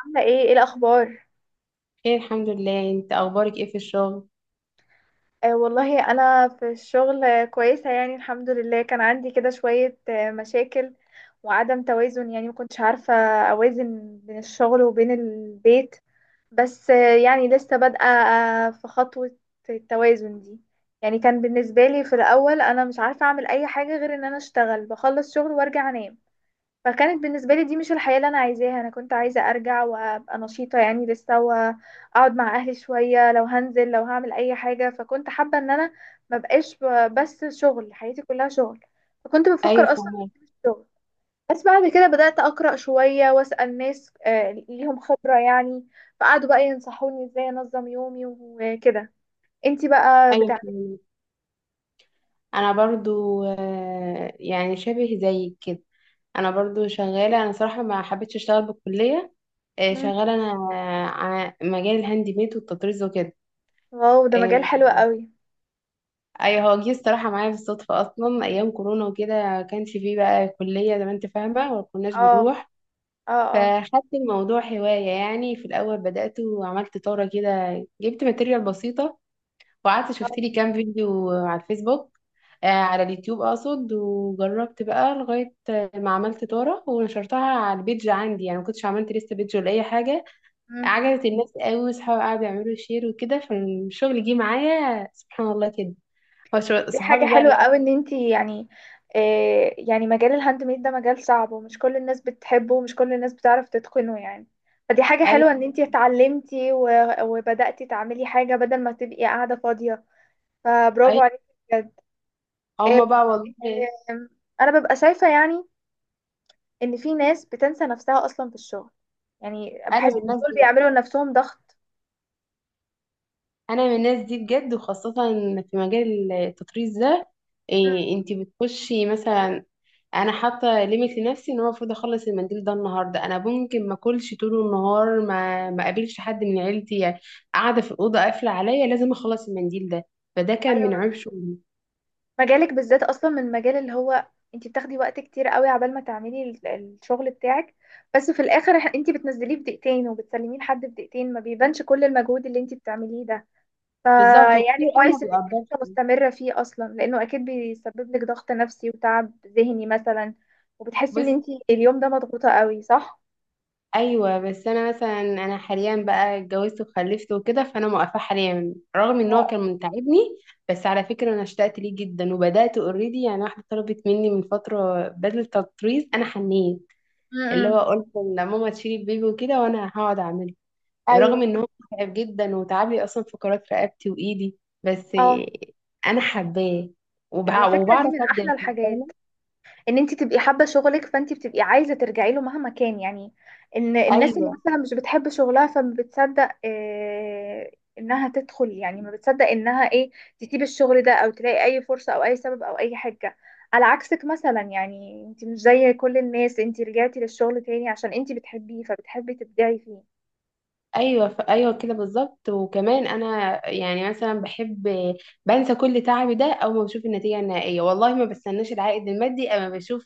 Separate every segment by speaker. Speaker 1: عاملة ايه الأخبار؟
Speaker 2: خير الحمد لله. انت اخبارك ايه في الشغل؟
Speaker 1: آه والله، أنا في الشغل، كويسة يعني، الحمد لله. كان عندي كده شوية مشاكل وعدم توازن، يعني مكنتش عارفة أوازن بين الشغل وبين البيت. بس يعني لسه بادئة في خطوة التوازن دي. يعني كان بالنسبة لي في الأول أنا مش عارفة أعمل أي حاجة غير إن أنا أشتغل، بخلص شغل وأرجع أنام. فكانت بالنسبة لي دي مش الحياة اللي أنا عايزاها، أنا كنت عايزة أرجع وأبقى نشيطة يعني لسه، وأقعد مع أهلي شوية، لو هنزل لو هعمل أي حاجة. فكنت حابة إن أنا مبقاش بس شغل، حياتي كلها شغل، فكنت
Speaker 2: ايوه
Speaker 1: بفكر أصلا
Speaker 2: فهمك.
Speaker 1: في الشغل. بس بعد كده بدأت أقرأ شوية وأسأل ناس ليهم خبرة يعني. فقعدوا بقى ينصحوني إزاي أنظم يومي وكده. انتي بقى
Speaker 2: ايوه
Speaker 1: بتعملي.
Speaker 2: فهمك. انا برضو يعني شبه زيك كده. انا برضو شغاله. انا صراحه ما حبيتش اشتغل بالكليه.
Speaker 1: مم.
Speaker 2: شغاله انا على مجال الهاند ميد والتطريز وكده.
Speaker 1: واو، ده مجال
Speaker 2: آه،
Speaker 1: حلو قوي.
Speaker 2: ايوه هو جه الصراحه معايا بالصدفه اصلا ايام كورونا وكده، كانش فيه بقى كليه زي ما انت فاهمه وما كناش
Speaker 1: اه.
Speaker 2: بنروح.
Speaker 1: اه. اه.
Speaker 2: فخدت الموضوع هوايه يعني. في الاول بدات وعملت طاره كده، جبت ماتيريال بسيطه وقعدت شفت
Speaker 1: آه.
Speaker 2: لي كام فيديو على الفيسبوك، على اليوتيوب اقصد، وجربت بقى لغايه ما عملت طاره ونشرتها على البيج عندي. يعني ما كنتش عملت لسه بيج ولا اي حاجه.
Speaker 1: مم.
Speaker 2: عجبت الناس قوي واصحابي قعدوا يعملوا شير وكده، فالشغل جه معايا سبحان الله كده.
Speaker 1: دي حاجة
Speaker 2: صحابي بقى
Speaker 1: حلوة قوي ان انتي يعني. يعني مجال الهاند ميد ده مجال صعب، ومش كل الناس بتحبه ومش كل الناس بتعرف تتقنه يعني. فدي حاجة
Speaker 2: ايوه
Speaker 1: حلوة ان انتي اتعلمتي وبدأتي تعملي حاجة بدل ما تبقي قاعدة فاضية. فبرافو
Speaker 2: ايوه.
Speaker 1: عليكي بجد. آه،
Speaker 2: هما بقى والله
Speaker 1: آه، انا ببقى شايفة يعني ان في ناس بتنسى نفسها اصلا في الشغل، يعني
Speaker 2: انا
Speaker 1: بحس
Speaker 2: من الناس
Speaker 1: دول
Speaker 2: دي بقى.
Speaker 1: بيعملوا لنفسهم ضغط.
Speaker 2: انا من الناس دي بجد، وخاصه في مجال التطريز ده.
Speaker 1: مم.
Speaker 2: إيه انت بتخشي مثلا؟ انا حاطه ليميت لنفسي ان انا المفروض اخلص المنديل ده النهارده، انا ممكن ما اكلش طول النهار، ما اقابلش حد من عيلتي يعني، قاعده في الاوضه قافله عليا، لازم اخلص المنديل ده. فده كان من
Speaker 1: ايوه.
Speaker 2: عيب شغلي.
Speaker 1: مجالك بالذات اصلا من المجال اللي هو انت بتاخدي وقت كتير قوي عبال ما تعملي الشغل بتاعك، بس في الاخر انت بتنزليه في دقيقتين وبتسلميه لحد في دقيقتين، ما بيبانش كل المجهود اللي انت بتعمليه ده.
Speaker 2: بالظبط،
Speaker 1: فيعني
Speaker 2: وكتير قوي ما
Speaker 1: كويس ان انت
Speaker 2: بيقدرش.
Speaker 1: لسه مستمرة فيه اصلا، لانه اكيد بيسبب لك ضغط نفسي وتعب ذهني مثلا. وبتحسي ان
Speaker 2: بص،
Speaker 1: انت اليوم ده مضغوطة قوي، صح؟
Speaker 2: ايوه بس انا مثلا انا حاليا بقى اتجوزت وخلفت وكده، فانا موقفه حاليا رغم ان هو
Speaker 1: اه.
Speaker 2: كان متعبني. بس على فكره انا اشتقت ليه جدا وبدات اوريدي يعني. واحده طلبت مني من فتره بدله تطريز، انا حنيت.
Speaker 1: م-
Speaker 2: اللي
Speaker 1: م.
Speaker 2: هو قلت لماما تشيل البيبي وكده وانا هقعد اعمله. رغم
Speaker 1: ايوه.
Speaker 2: ان هو متعب جدا وتعب لي اصلا فقرات رقبتي وايدي، بس
Speaker 1: اه.
Speaker 2: انا حباه
Speaker 1: على فكرة، دي
Speaker 2: وبعرف
Speaker 1: من
Speaker 2: ابدع
Speaker 1: احلى
Speaker 2: فيه، فاهمه.
Speaker 1: الحاجات ان انت تبقي حابه شغلك، فانت بتبقي عايزه ترجعي له مهما كان يعني. ان الناس اللي
Speaker 2: ايوه
Speaker 1: مثلا مش بتحب شغلها، فما بتصدق انها تدخل، يعني ما بتصدق انها ايه تسيب الشغل ده او تلاقي اي فرصه او اي سبب او اي حاجه. على عكسك مثلا يعني، انت مش زي كل الناس، انت رجعتي للشغل تاني عشان انت بتحبيه فبتحبي تبدعي فيه.
Speaker 2: ايوه ايوه كده بالظبط. وكمان انا يعني مثلا بحب بنسى كل تعبي ده اول ما بشوف النتيجه النهائيه. والله ما بستناش العائد المادي اما بشوف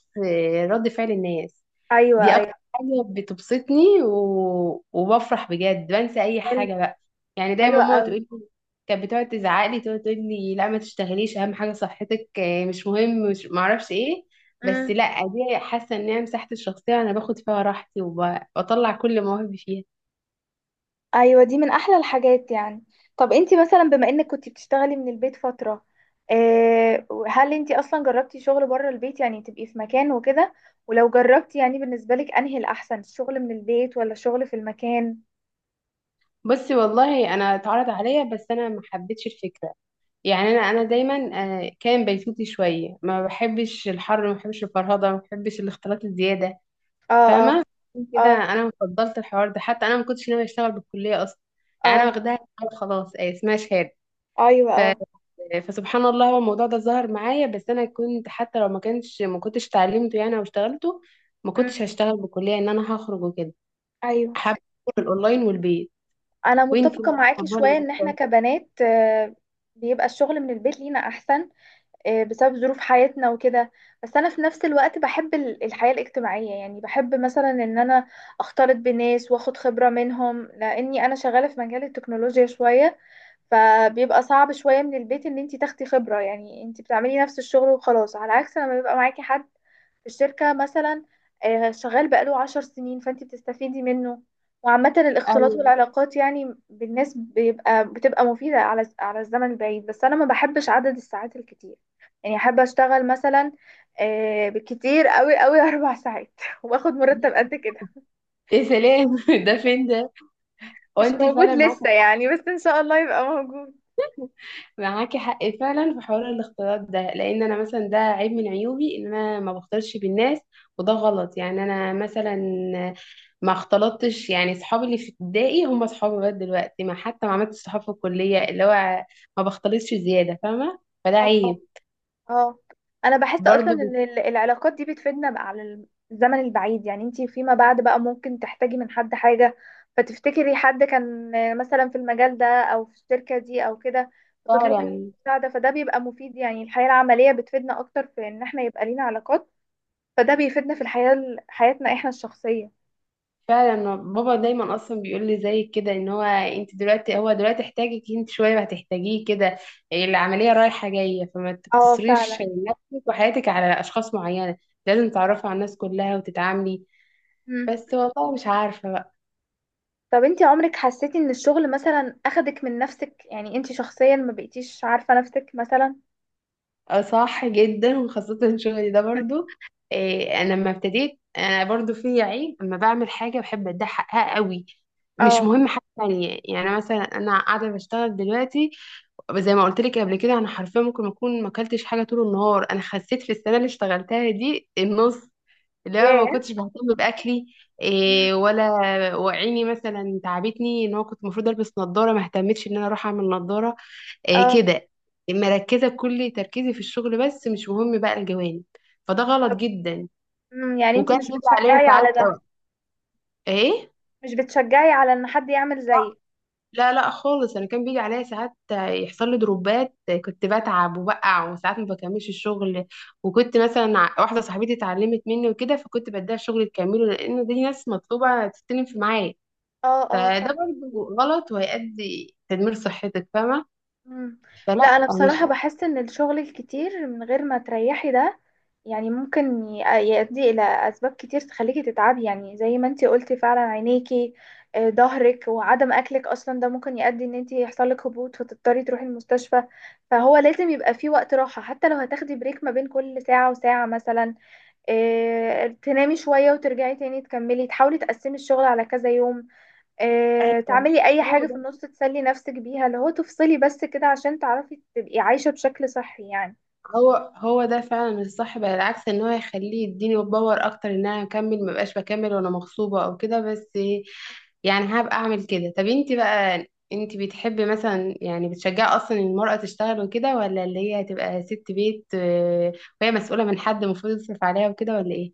Speaker 2: رد فعل الناس.
Speaker 1: ايوه،
Speaker 2: دي اكتر
Speaker 1: ايوه.
Speaker 2: حاجة بتبسطني، و... وبفرح بجد بنسى اي
Speaker 1: حلو.
Speaker 2: حاجة بقى. يعني
Speaker 1: حلو
Speaker 2: دايما ماما تقول لي، كانت بتقعد تزعق لي، تقعد تقول لي لا ما تشتغليش، اهم حاجة صحتك، مش مهم، مش ما اعرفش ايه. بس
Speaker 1: قوي.
Speaker 2: لا، دي حاسة ان هي مساحتي الشخصية، انا باخد فيها راحتي وبطلع كل مواهبي فيها.
Speaker 1: ايوه، دي من احلى الحاجات يعني. طب انتي مثلا، بما انك كنتي بتشتغلي من البيت فتره، هل انتي اصلا جربتي شغل بره البيت يعني تبقي في مكان وكده؟ ولو جربتي يعني، بالنسبه لك انهي الاحسن، الشغل من البيت ولا الشغل في المكان؟
Speaker 2: بصي والله انا اتعرض عليا بس انا ما حبيتش الفكرة. يعني انا دايما كان بيتوتي شوية، ما بحبش الحر، ما بحبش الفرهدة، ما بحبش الاختلاط الزيادة،
Speaker 1: اه. اه.
Speaker 2: فاهمة. عشان كده
Speaker 1: اه.
Speaker 2: أنا فضلت الحوار ده. حتى أنا ما كنتش ناوية أشتغل بالكلية أصلا. يعني أنا
Speaker 1: اه.
Speaker 2: واخداها شهادة خلاص، أي اسمها شهادة.
Speaker 1: ايوه.
Speaker 2: ف...
Speaker 1: اه.
Speaker 2: فسبحان الله هو الموضوع ده ظهر معايا، بس أنا كنت حتى لو ما كانش ما كنتش اتعلمته يعني أو اشتغلته. ما
Speaker 1: امم.
Speaker 2: كنتش هشتغل بالكلية إن أنا هخرج وكده.
Speaker 1: ايوه.
Speaker 2: حابة أكون الأونلاين والبيت.
Speaker 1: انا
Speaker 2: وأنتي
Speaker 1: متفقه
Speaker 2: بقى
Speaker 1: معاكي شويه،
Speaker 2: بتفضلي
Speaker 1: ان احنا
Speaker 2: أكتر؟
Speaker 1: كبنات بيبقى الشغل من البيت لينا احسن، بسبب ظروف حياتنا وكده. بس انا في نفس الوقت بحب الحياة الاجتماعية، يعني بحب مثلا ان انا اختلط بناس واخد خبرة منهم، لاني انا شغالة في مجال التكنولوجيا شوية. فبيبقى صعب شوية من البيت ان انتي تاخدي خبرة، يعني انتي بتعملي نفس الشغل وخلاص، على عكس لما بيبقى معاكي حد في الشركة مثلا شغال بقاله 10 سنين، فانت بتستفيدي منه. وعامة الاختلاط
Speaker 2: أيوه،
Speaker 1: والعلاقات يعني بالناس، بيبقى بتبقى مفيدة على الزمن البعيد. بس أنا ما بحبش عدد الساعات الكتير، يعني أحب أشتغل مثلا بالكتير قوي قوي 4 ساعات وآخد مرتب قد كده.
Speaker 2: يا سلام ده فين ده؟
Speaker 1: مش
Speaker 2: وأنتي
Speaker 1: موجود
Speaker 2: فعلا معاكي،
Speaker 1: لسه يعني، بس إن شاء الله يبقى موجود.
Speaker 2: معاكي حق فعلا في حوار الاختلاط ده. لان انا مثلا ده عيب من عيوبي ان انا ما بختلطش بالناس، وده غلط. يعني انا مثلا ما اختلطتش يعني، صحابي اللي في ابتدائي هم صحابي لغايه دلوقتي، ما حتى ما عملتش صحاب في الكليه، اللي هو ما بختلطش زياده فاهمه، فده عيب.
Speaker 1: اه. انا بحس اصلا
Speaker 2: برضه
Speaker 1: ان العلاقات دي بتفيدنا بقى على الزمن البعيد، يعني انتي فيما بعد بقى ممكن تحتاجي من حد حاجة، فتفتكري حد كان مثلا في المجال ده او في الشركة دي او كده، وتطلبي منه
Speaker 2: فعلا.
Speaker 1: مساعدة. فده بيبقى مفيد، يعني الحياة العملية بتفيدنا اكتر في ان احنا يبقى لينا علاقات. فده بيفيدنا في الحياة، حياتنا احنا الشخصية.
Speaker 2: فعلا، بابا دايما اصلا بيقول لي زي كده، ان هو انت دلوقتي دلوقتي احتاجك انت، شويه هتحتاجيه كده، العمليه رايحه جايه، فما
Speaker 1: اه
Speaker 2: تقتصريش
Speaker 1: فعلا.
Speaker 2: نفسك وحياتك على اشخاص معينه، لازم تعرفي على الناس كلها وتتعاملي.
Speaker 1: مم.
Speaker 2: بس والله مش عارفه بقى.
Speaker 1: طب انتي عمرك حسيتي ان الشغل مثلا اخدك من نفسك، يعني انتي شخصيا ما بقيتيش عارفة نفسك مثلا؟
Speaker 2: آه، صح جدا، وخاصه شغلي ده برضو. إيه انا لما ابتديت انا برضو في عيب، اما بعمل حاجه بحب اديها حقها قوي، مش
Speaker 1: اه.
Speaker 2: مهم حاجه تانية. يعني مثلا انا قاعده بشتغل دلوقتي، زي ما قلت لك قبل كده، انا حرفيا ممكن اكون ما اكلتش حاجه طول النهار. انا خسيت في السنه اللي اشتغلتها دي النص، اللي انا ما
Speaker 1: ياه.
Speaker 2: كنتش بهتم باكلي إيه ولا. وعيني مثلا تعبتني، ان هو كنت المفروض البس نظاره ما اهتمتش ان انا اروح اعمل نظاره، إيه
Speaker 1: اه.
Speaker 2: كده، مركزه كل تركيزي في الشغل، بس مش مهم بقى الجوانب. فده غلط
Speaker 1: طب،
Speaker 2: جدا.
Speaker 1: يعني انتي
Speaker 2: وكان
Speaker 1: مش
Speaker 2: بيجي عليا
Speaker 1: بتشجعي
Speaker 2: ساعات
Speaker 1: على ده؟
Speaker 2: أو ايه،
Speaker 1: مش بتشجعي على ان حد يعمل زيك؟
Speaker 2: لا لا خالص. انا كان بيجي عليا ساعات يحصل لي دروبات، كنت بتعب وبقع، وساعات ما بكملش الشغل. وكنت مثلا واحده صاحبتي اتعلمت مني وكده، فكنت بديها الشغل تكمله، لان دي ناس مطلوبه تستلم في معايا.
Speaker 1: اه. اه
Speaker 2: فده
Speaker 1: صح.
Speaker 2: برضه غلط، وهيؤدي تدمير صحتك فاهمه.
Speaker 1: مم. لا
Speaker 2: فلا،
Speaker 1: انا
Speaker 2: مش
Speaker 1: بصراحة بحس ان الشغل الكتير من غير ما تريحي ده يعني ممكن يؤدي الى اسباب كتير تخليكي تتعبي، يعني زي ما انتي قلتي فعلا عينيكي، ظهرك وعدم اكلك، اصلا ده ممكن يؤدي ان انتي يحصلك هبوط فتضطري تروحي المستشفى. فهو لازم يبقى فيه وقت راحة، حتى لو هتاخدي بريك ما بين كل ساعة وساعة مثلا، تنامي شوية وترجعي تاني تكملي، تحاولي تقسمي الشغل على كذا يوم،
Speaker 2: ايوه.
Speaker 1: تعملي أي
Speaker 2: هو
Speaker 1: حاجة في
Speaker 2: ده،
Speaker 1: النص تسلي نفسك بيها، اللي هو تفصلي بس كده عشان تعرفي تبقي عايشة بشكل صحي يعني.
Speaker 2: هو ده فعلا الصح بقى، العكس ان هو يخليه يديني باور اكتر ان انا اكمل، ما بقاش بكمل وانا مغصوبه او كده. بس يعني هبقى اعمل كده. طب انت بقى، انت بتحبي مثلا يعني بتشجعي اصلا المرأة تشتغل وكده، ولا اللي هي تبقى ست بيت، وهي مسؤولة من حد المفروض يصرف عليها وكده، ولا ايه؟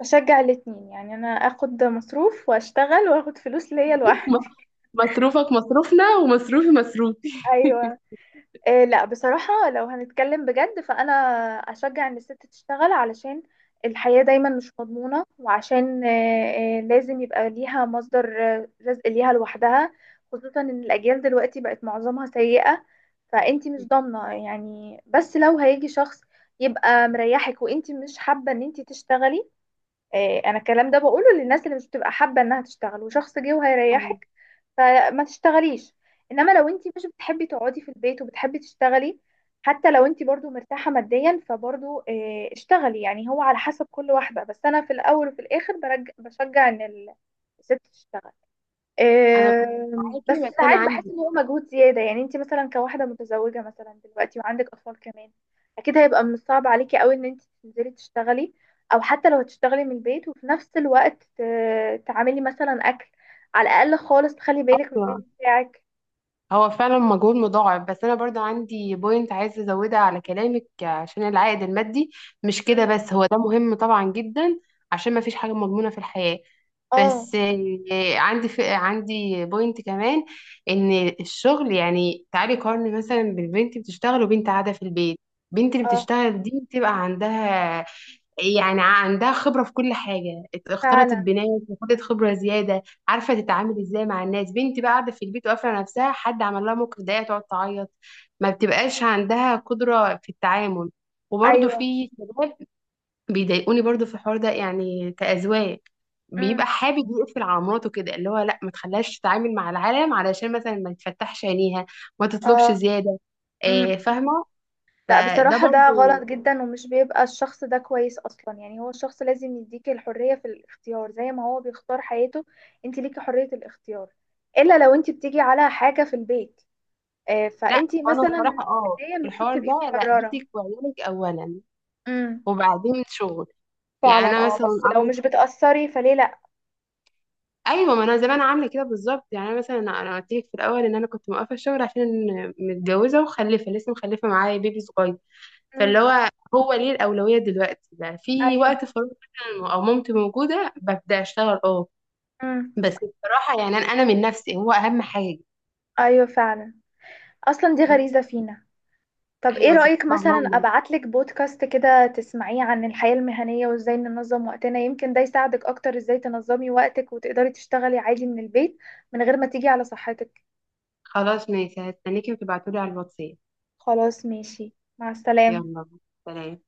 Speaker 1: بشجع الاتنين يعني، أنا أخد مصروف وأشتغل وأخد فلوس ليا
Speaker 2: م-
Speaker 1: لوحدي.
Speaker 2: مصروفك مصروفنا ومصروفي مصروفي.
Speaker 1: أيوة. إيه، لا بصراحة لو هنتكلم بجد فأنا أشجع إن الست تشتغل، علشان الحياة دايما مش مضمونة، وعشان إيه إيه لازم يبقى ليها مصدر رزق ليها لوحدها، خصوصا إن الأجيال دلوقتي بقت معظمها سيئة. فأنتي مش ضامنة يعني. بس لو هيجي شخص يبقى مريحك وأنتي مش حابة إن أنتي تشتغلي، انا الكلام ده بقوله للناس اللي مش بتبقى حابه انها تشتغل وشخص جه وهيريحك، فما تشتغليش. انما لو انت مش بتحبي تقعدي في البيت وبتحبي تشتغلي، حتى لو انت برضو مرتاحه ماديا فبرضو اشتغلي، يعني هو على حسب كل واحده. بس انا في الاول وفي الاخر بشجع ان الست تشتغل.
Speaker 2: انا
Speaker 1: بس
Speaker 2: معاكي، بس انا
Speaker 1: ساعات بحس ان هو مجهود زياده، يعني انت مثلا كواحده متزوجه مثلا دلوقتي وعندك اطفال كمان، اكيد هيبقى من الصعب عليكي قوي ان انت تنزلي تشتغلي، او حتى لو هتشتغلي من البيت وفي نفس الوقت تعملي مثلا اكل، على الاقل خالص تخلي بالك من البيت
Speaker 2: عندي،
Speaker 1: بتاعك.
Speaker 2: هو فعلا مجهود مضاعف، بس انا برضو عندي بوينت عايزه ازودها على كلامك. عشان العائد المادي مش كده
Speaker 1: مم.
Speaker 2: بس، هو ده مهم طبعا جدا، عشان ما فيش حاجه مضمونه في الحياه.
Speaker 1: اه.
Speaker 2: بس عندي ف... عندي بوينت كمان، ان الشغل يعني، تعالي قارني مثلا بالبنت بتشتغل وبنت قاعده في البيت. البنت اللي
Speaker 1: اه
Speaker 2: بتشتغل دي بتبقى عندها يعني عندها خبرة في كل حاجة، اختلطت
Speaker 1: فعلا.
Speaker 2: بناس وخدت خبرة زيادة، عارفة تتعامل ازاي مع الناس. بنتي بقى قاعدة في البيت وقافلة نفسها، حد عمل لها موقف ضيق تقعد تعيط، ما بتبقاش عندها قدرة في التعامل. وبرضه
Speaker 1: ايوه.
Speaker 2: في شباب بيضايقوني برضه في الحوار ده، يعني كأزواج
Speaker 1: مم.
Speaker 2: بيبقى حابب يقفل على مراته كده، اللي هو لا ما تخليهاش تتعامل مع العالم علشان مثلا ما تفتحش عينيها، ما تطلبش
Speaker 1: اه.
Speaker 2: زيادة،
Speaker 1: مم.
Speaker 2: آه، فاهمة.
Speaker 1: لا
Speaker 2: فده
Speaker 1: بصراحة ده
Speaker 2: برضه
Speaker 1: غلط جدا، ومش بيبقى الشخص ده كويس أصلا، يعني هو الشخص لازم يديك الحرية في الاختيار زي ما هو بيختار حياته، انت ليكي حرية الاختيار. إلا لو انت بتيجي على حاجة في البيت،
Speaker 2: لا.
Speaker 1: فانت
Speaker 2: وانا
Speaker 1: مثلا من
Speaker 2: الصراحه اه
Speaker 1: البداية
Speaker 2: في
Speaker 1: المفروض
Speaker 2: الحوار
Speaker 1: تبقي
Speaker 2: ده لا،
Speaker 1: مقررة.
Speaker 2: بيتك وعيالك اولا
Speaker 1: امم.
Speaker 2: وبعدين شغل. يعني
Speaker 1: فعلا.
Speaker 2: انا
Speaker 1: اه
Speaker 2: مثلا
Speaker 1: بس لو
Speaker 2: انا
Speaker 1: مش بتأثري فليه لأ.
Speaker 2: ايوه، ما انا زمان عامله كده بالظبط. يعني انا مثلا انا قلت لك في الاول ان انا كنت موقفه الشغل، عشان متجوزه ومخلفه، لسه مخلفه معايا بيبي صغير، فاللي
Speaker 1: امم.
Speaker 2: هو هو ليه الاولويه دلوقتي. ده في
Speaker 1: أيوه.
Speaker 2: وقت فراغ مثلا او مامتي موجوده ببدا اشتغل اه.
Speaker 1: امم.
Speaker 2: بس بصراحه يعني أنا من نفسي هو اهم حاجه.
Speaker 1: أيوه فعلا، أصلا دي غريزة فينا. طب ايه
Speaker 2: ايوه
Speaker 1: رأيك
Speaker 2: سبحان
Speaker 1: مثلا
Speaker 2: الله.
Speaker 1: ابعتلك بودكاست كده تسمعيه عن الحياة المهنية وازاي ننظم وقتنا، يمكن ده يساعدك اكتر ازاي تنظمي وقتك وتقدري تشتغلي عادي من البيت من غير ما تيجي على صحتك.
Speaker 2: خلاص ماشي هستنيكي وتبعتولي على الواتساب.
Speaker 1: خلاص ماشي. مع السلامة.
Speaker 2: يلا، سلام.